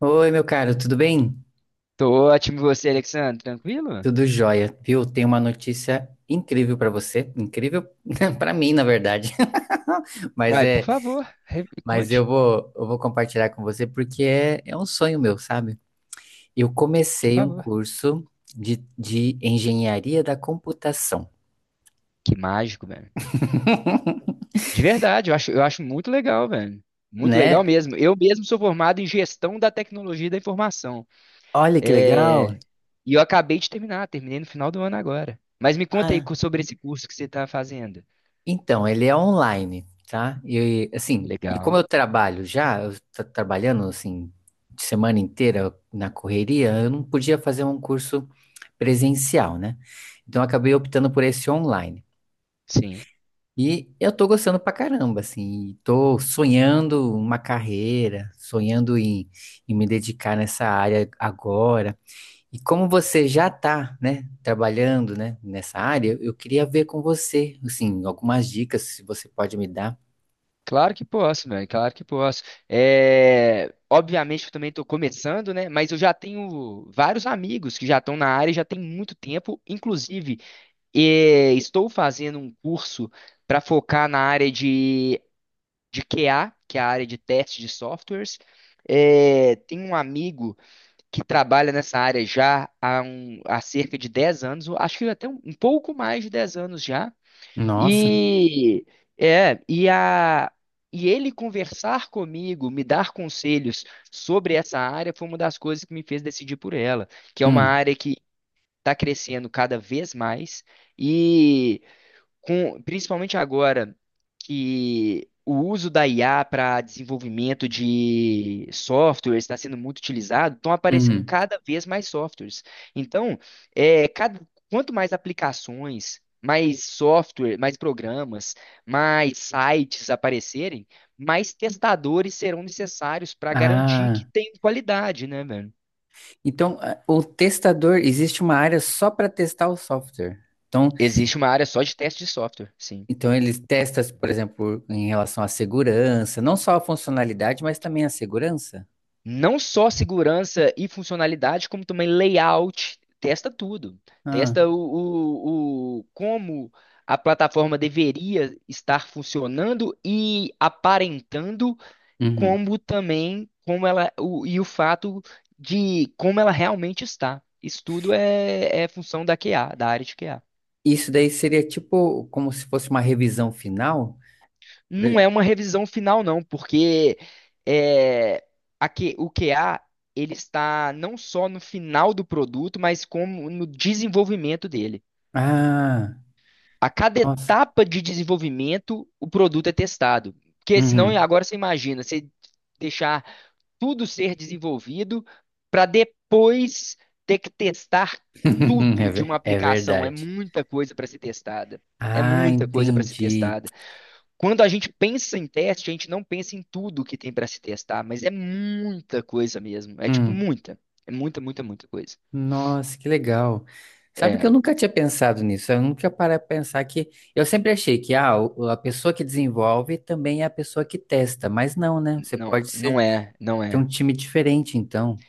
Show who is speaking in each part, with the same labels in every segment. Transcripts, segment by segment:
Speaker 1: Oi, meu caro, tudo bem?
Speaker 2: Tô ótimo, e você, Alexandre? Tranquilo?
Speaker 1: Tudo jóia, viu? Tenho uma notícia incrível pra você, incrível pra mim, na verdade. Mas
Speaker 2: Uai, por
Speaker 1: é,
Speaker 2: favor,
Speaker 1: mas eu
Speaker 2: conte,
Speaker 1: vou, eu vou compartilhar com você porque é um sonho meu, sabe? Eu
Speaker 2: por
Speaker 1: comecei um
Speaker 2: favor.
Speaker 1: curso de engenharia da computação,
Speaker 2: Que mágico, velho. De verdade, eu acho muito legal, velho. Muito
Speaker 1: né?
Speaker 2: legal mesmo. Eu mesmo sou formado em gestão da tecnologia da informação.
Speaker 1: Olha que
Speaker 2: É,
Speaker 1: legal!
Speaker 2: E eu acabei de terminar, terminei no final do ano agora. Mas me conta aí sobre esse curso que você está fazendo.
Speaker 1: Então, ele é online, tá? E assim, e como
Speaker 2: Legal.
Speaker 1: eu trabalho já, eu tô trabalhando assim semana inteira na correria, eu não podia fazer um curso presencial, né? Então eu acabei optando por esse online.
Speaker 2: Sim.
Speaker 1: E eu tô gostando pra caramba, assim, e tô sonhando uma carreira, sonhando em me dedicar nessa área agora. E como você já está, né, trabalhando, né, nessa área, eu queria ver com você, assim, algumas dicas, se você pode me dar.
Speaker 2: Claro que posso, velho. Claro que posso. É, obviamente eu também estou começando, né? Mas eu já tenho vários amigos que já estão na área e já tem muito tempo. Inclusive, estou fazendo um curso para focar na área de QA, que é a área de teste de softwares. É, tem um amigo que trabalha nessa área já há cerca de 10 anos, eu acho que até um pouco mais de 10 anos já.
Speaker 1: Nossa.
Speaker 2: E é, e a e ele conversar comigo, me dar conselhos sobre essa área foi uma das coisas que me fez decidir por ela, que é uma
Speaker 1: Hum,
Speaker 2: área que está crescendo cada vez mais e principalmente agora que o uso da IA para desenvolvimento de softwares está sendo muito utilizado, estão aparecendo
Speaker 1: uhum.
Speaker 2: cada vez mais softwares. Então, é, cada- quanto mais aplicações, mais software, mais programas, mais sites aparecerem, mais testadores serão necessários para garantir que
Speaker 1: Ah,
Speaker 2: tem qualidade, né, velho?
Speaker 1: então ah, o testador existe uma área só para testar o software. Então,
Speaker 2: Existe uma área só de teste de software, sim.
Speaker 1: então eles testam, por exemplo, em relação à segurança, não só a funcionalidade, mas também a segurança.
Speaker 2: Não só segurança e funcionalidade, como também layout. Testa tudo.
Speaker 1: Ah,
Speaker 2: Testa como a plataforma deveria estar funcionando e aparentando,
Speaker 1: uhum.
Speaker 2: como também como ela o, e o fato de como ela realmente está. Isso tudo é função da QA, da área de QA.
Speaker 1: Isso daí seria tipo como se fosse uma revisão final. Por
Speaker 2: Não
Speaker 1: e-
Speaker 2: é uma revisão final, não, porque é, o QA ele está não só no final do produto, mas como no desenvolvimento dele.
Speaker 1: Ah,
Speaker 2: A cada
Speaker 1: nossa.
Speaker 2: etapa de desenvolvimento, o produto é testado. Porque senão,
Speaker 1: Uhum.
Speaker 2: agora você imagina, você deixar tudo ser desenvolvido para depois ter que testar tudo de uma
Speaker 1: É
Speaker 2: aplicação. É
Speaker 1: verdade.
Speaker 2: muita coisa para ser testada. É
Speaker 1: Ah,
Speaker 2: muita coisa para ser
Speaker 1: entendi.
Speaker 2: testada. Quando a gente pensa em teste, a gente não pensa em tudo que tem para se testar, mas é muita coisa mesmo. É tipo
Speaker 1: Hum,
Speaker 2: muita, é muita, muita, muita coisa.
Speaker 1: nossa, que legal. Sabe que eu
Speaker 2: É,
Speaker 1: nunca tinha pensado nisso. Eu nunca parei para pensar que. Eu sempre achei que ah, a pessoa que desenvolve também é a pessoa que testa, mas não, né? Você
Speaker 2: não,
Speaker 1: pode ser,
Speaker 2: não é, não
Speaker 1: ter um
Speaker 2: é.
Speaker 1: time diferente, então.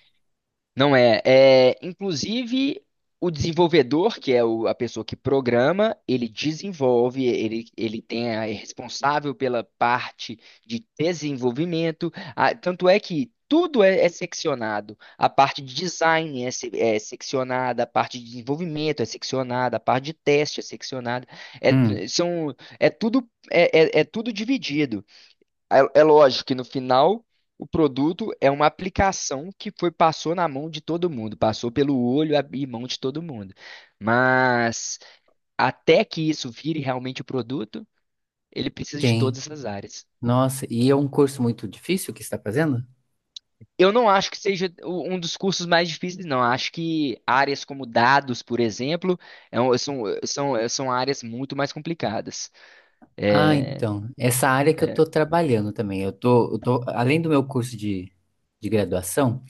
Speaker 2: Não é. É, inclusive, o desenvolvedor, que a pessoa que programa, ele desenvolve, ele tem é responsável pela parte de desenvolvimento. Ah, tanto é que tudo é seccionado. A parte de design é seccionada, a parte de desenvolvimento é seccionada, a parte de teste é seccionada.
Speaker 1: Hum,
Speaker 2: É, são, é tudo, é, é é tudo dividido. É, é lógico que no final o produto é uma aplicação que foi passou na mão de todo mundo, passou pelo olho e mão de todo mundo. Mas até que isso vire realmente o produto, ele precisa de
Speaker 1: tem.
Speaker 2: todas essas áreas.
Speaker 1: Nossa, e é um curso muito difícil que você está fazendo?
Speaker 2: Eu não acho que seja um dos cursos mais difíceis, não. Acho que áreas como dados, por exemplo, são áreas muito mais complicadas.
Speaker 1: Ah,
Speaker 2: É,
Speaker 1: então. Essa área que eu
Speaker 2: é,
Speaker 1: estou trabalhando também. Eu tô, além do meu curso de graduação.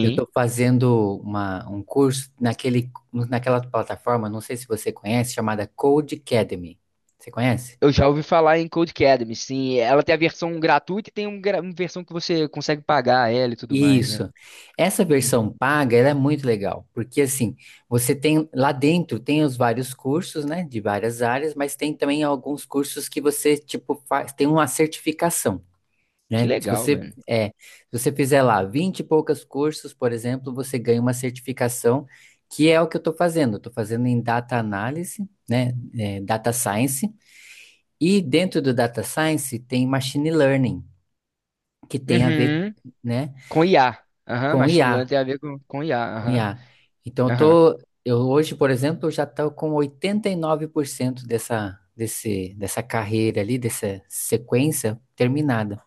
Speaker 1: Eu estou fazendo uma, um curso naquele, naquela plataforma, não sei se você conhece, chamada Codecademy. Você conhece?
Speaker 2: Eu já ouvi falar em Code Academy, sim. Ela tem a versão gratuita e tem uma versão que você consegue pagar ela e tudo mais, né?
Speaker 1: Isso. Essa versão
Speaker 2: Uhum.
Speaker 1: paga, ela é muito legal, porque assim, você tem lá dentro tem os vários cursos, né, de várias áreas, mas tem também alguns cursos que você tipo faz, tem uma certificação.
Speaker 2: Que
Speaker 1: Né? Se
Speaker 2: legal,
Speaker 1: você
Speaker 2: mano.
Speaker 1: se você fizer lá 20 e poucas cursos, por exemplo, você ganha uma certificação, que é o que eu estou fazendo. Estou fazendo em data análise, né? É, data science, e dentro do data science tem machine learning, que tem a ver,
Speaker 2: Uhum.
Speaker 1: né,
Speaker 2: Com IA. Aham,
Speaker 1: com
Speaker 2: Machine Learning
Speaker 1: IA,
Speaker 2: tem a ver com IA.
Speaker 1: com
Speaker 2: Aham,
Speaker 1: IA. Então eu
Speaker 2: aham,
Speaker 1: tô, eu hoje, por exemplo, eu já estou com 89% dessa carreira ali, dessa sequência terminada.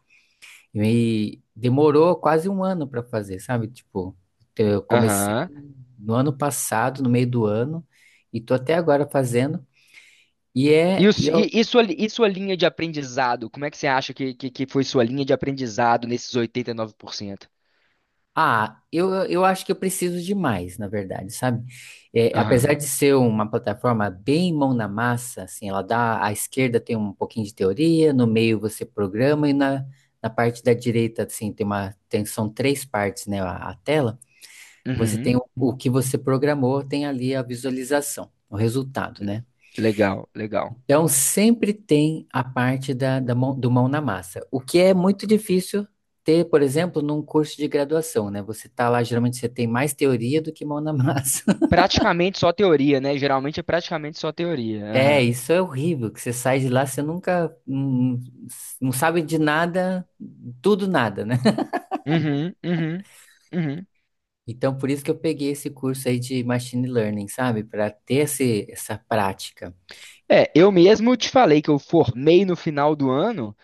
Speaker 1: E demorou quase um ano para fazer, sabe? Tipo, eu comecei
Speaker 2: aham.
Speaker 1: no ano passado, no meio do ano, e tô até agora fazendo. E
Speaker 2: E,
Speaker 1: é,
Speaker 2: o
Speaker 1: e
Speaker 2: su-
Speaker 1: eu,
Speaker 2: e sua, li- e sua linha de aprendizado? Como é que você acha que foi sua linha de aprendizado nesses 89%?
Speaker 1: ah, eu acho que eu preciso de mais, na verdade, sabe? É, apesar
Speaker 2: Aham,
Speaker 1: de ser uma plataforma bem mão na massa, assim, ela dá, à esquerda tem um pouquinho de teoria, no meio você programa e na parte da direita, assim, tem, são três partes, né, a tela. Você
Speaker 2: uhum.
Speaker 1: tem o que você programou, tem ali a visualização, o resultado, né?
Speaker 2: Legal, legal.
Speaker 1: Então, sempre tem a parte da mão, do mão na massa, o que é muito difícil ter, por exemplo, num curso de graduação, né? Você tá lá, geralmente você tem mais teoria do que mão na massa.
Speaker 2: Praticamente só teoria, né? Geralmente é praticamente só teoria.
Speaker 1: É,
Speaker 2: Aham.
Speaker 1: isso é horrível, que você sai de lá, você nunca, não sabe de nada, tudo nada, né?
Speaker 2: Uhum, uhum, uhum.
Speaker 1: Então, por isso que eu peguei esse curso aí de Machine Learning, sabe? Para ter essa prática.
Speaker 2: É, eu mesmo te falei que eu formei no final do ano,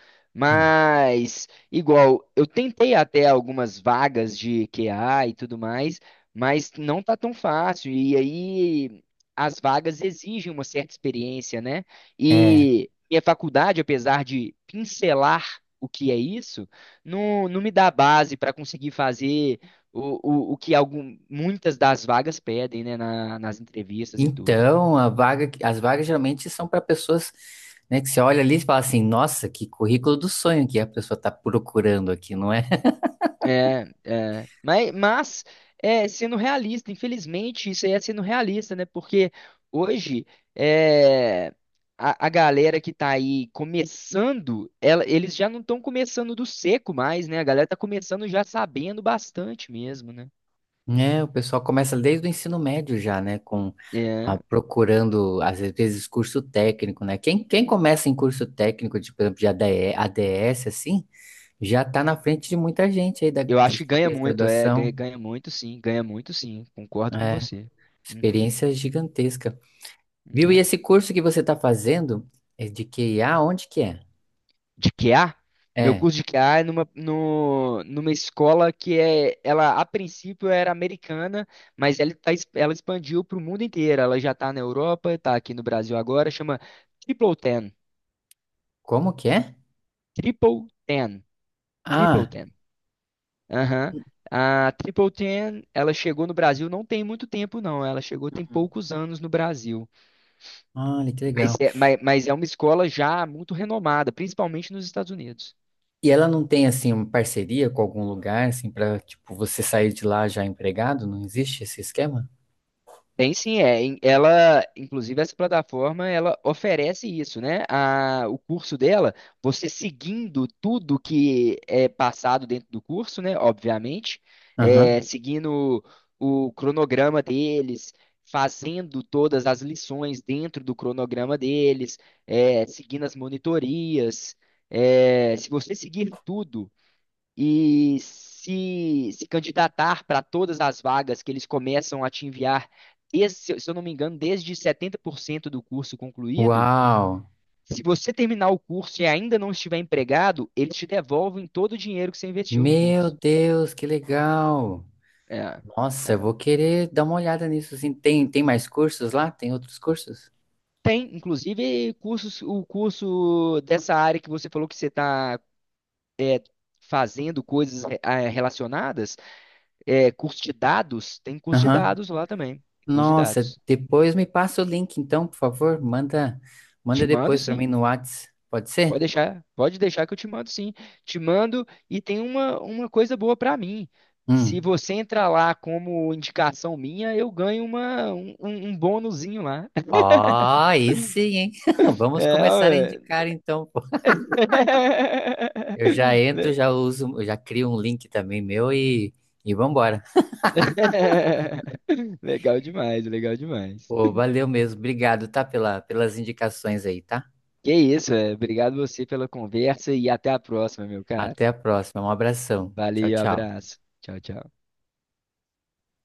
Speaker 1: Hum.
Speaker 2: mas igual, eu tentei até algumas vagas de QA e tudo mais, mas não tá tão fácil. E aí as vagas exigem uma certa experiência, né?
Speaker 1: É,
Speaker 2: E minha faculdade, apesar de pincelar o que é isso, não me dá base para conseguir fazer o, o que algum, muitas das vagas pedem, né, nas entrevistas e tudo.
Speaker 1: Então, as vagas geralmente são para pessoas, né, que você olha ali e fala assim, nossa, que currículo do sonho que a pessoa está procurando aqui, não é?
Speaker 2: É, é. Mas, sendo realista, infelizmente, isso aí é sendo realista, né? Porque hoje é, a galera que tá aí começando, eles já não estão começando do seco mais, né? A galera tá começando já sabendo bastante mesmo, né?
Speaker 1: É, o pessoal começa desde o ensino médio já, né, com
Speaker 2: É,
Speaker 1: procurando, às vezes, curso técnico, né? Quem começa em curso técnico, de, por exemplo, de ADE, ADS, assim, já está na frente de muita gente aí
Speaker 2: eu acho
Speaker 1: que
Speaker 2: que ganha
Speaker 1: fez
Speaker 2: muito,
Speaker 1: graduação,
Speaker 2: ganha muito sim, concordo com
Speaker 1: é,
Speaker 2: você. Uhum.
Speaker 1: experiência gigantesca. Viu? E
Speaker 2: Uhum.
Speaker 1: esse curso que você está fazendo é de QIA, onde que é?
Speaker 2: De QA, meu
Speaker 1: É.
Speaker 2: curso de QA é numa, no, numa escola que ela a princípio era americana, mas ela expandiu para o mundo inteiro. Ela já está na Europa, está aqui no Brasil agora, chama Triple Ten.
Speaker 1: Como que é?
Speaker 2: Triple Ten. Triple
Speaker 1: Ah,
Speaker 2: Ten. Aham. A Triple Ten, ela chegou no Brasil não tem muito tempo, não. Ela chegou tem
Speaker 1: Hum.
Speaker 2: poucos anos no Brasil.
Speaker 1: Olha que
Speaker 2: Mas
Speaker 1: legal.
Speaker 2: é, mas mas é uma escola já muito renomada, principalmente nos Estados Unidos.
Speaker 1: E ela não tem assim uma parceria com algum lugar assim para tipo você sair de lá já empregado? Não existe esse esquema?
Speaker 2: Tem sim, é. Ela, inclusive, essa plataforma, ela oferece isso, né? O curso dela, você seguindo tudo que é passado dentro do curso, né? Obviamente,
Speaker 1: Aham.
Speaker 2: seguindo o cronograma deles, fazendo todas as lições dentro do cronograma deles, seguindo as monitorias. É, se você seguir tudo e se candidatar para todas as vagas que eles começam a te enviar, se eu não me engano, desde 70% do curso concluído,
Speaker 1: Uau!
Speaker 2: se você terminar o curso e ainda não estiver empregado, eles te devolvem todo o dinheiro que você investiu no
Speaker 1: Meu
Speaker 2: curso.
Speaker 1: Deus, que legal!
Speaker 2: É,
Speaker 1: Nossa, eu
Speaker 2: é.
Speaker 1: vou querer dar uma olhada nisso assim. Tem mais cursos lá? Tem outros cursos?
Speaker 2: Tem, inclusive, cursos, o curso dessa área que você falou que você está fazendo coisas relacionadas, curso de dados, tem curso de
Speaker 1: Aham.
Speaker 2: dados lá também, curso de
Speaker 1: Nossa,
Speaker 2: dados.
Speaker 1: depois me passa o link então, por favor. Manda
Speaker 2: Te mando,
Speaker 1: depois para mim
Speaker 2: sim.
Speaker 1: no Whats. Pode ser?
Speaker 2: Pode deixar que eu te mando sim. Te mando e tem uma coisa boa para mim. Se
Speaker 1: Hum.
Speaker 2: você entrar lá como indicação minha, eu ganho uma, um, um um bônusinho lá.
Speaker 1: Ó, aí sim, hein? Vamos
Speaker 2: É,
Speaker 1: começar a
Speaker 2: ué.
Speaker 1: indicar então. Pô. Eu já entro,
Speaker 2: Le-
Speaker 1: já uso, eu já crio um link também meu e vambora.
Speaker 2: Legal demais, legal demais.
Speaker 1: Pô, valeu mesmo. Obrigado, tá? Pelas indicações aí, tá?
Speaker 2: Que isso, é. Obrigado você pela conversa e até a próxima, meu cara.
Speaker 1: Até a próxima. Um abração. Tchau,
Speaker 2: Valeu,
Speaker 1: tchau.
Speaker 2: abraço. Tchau, tchau.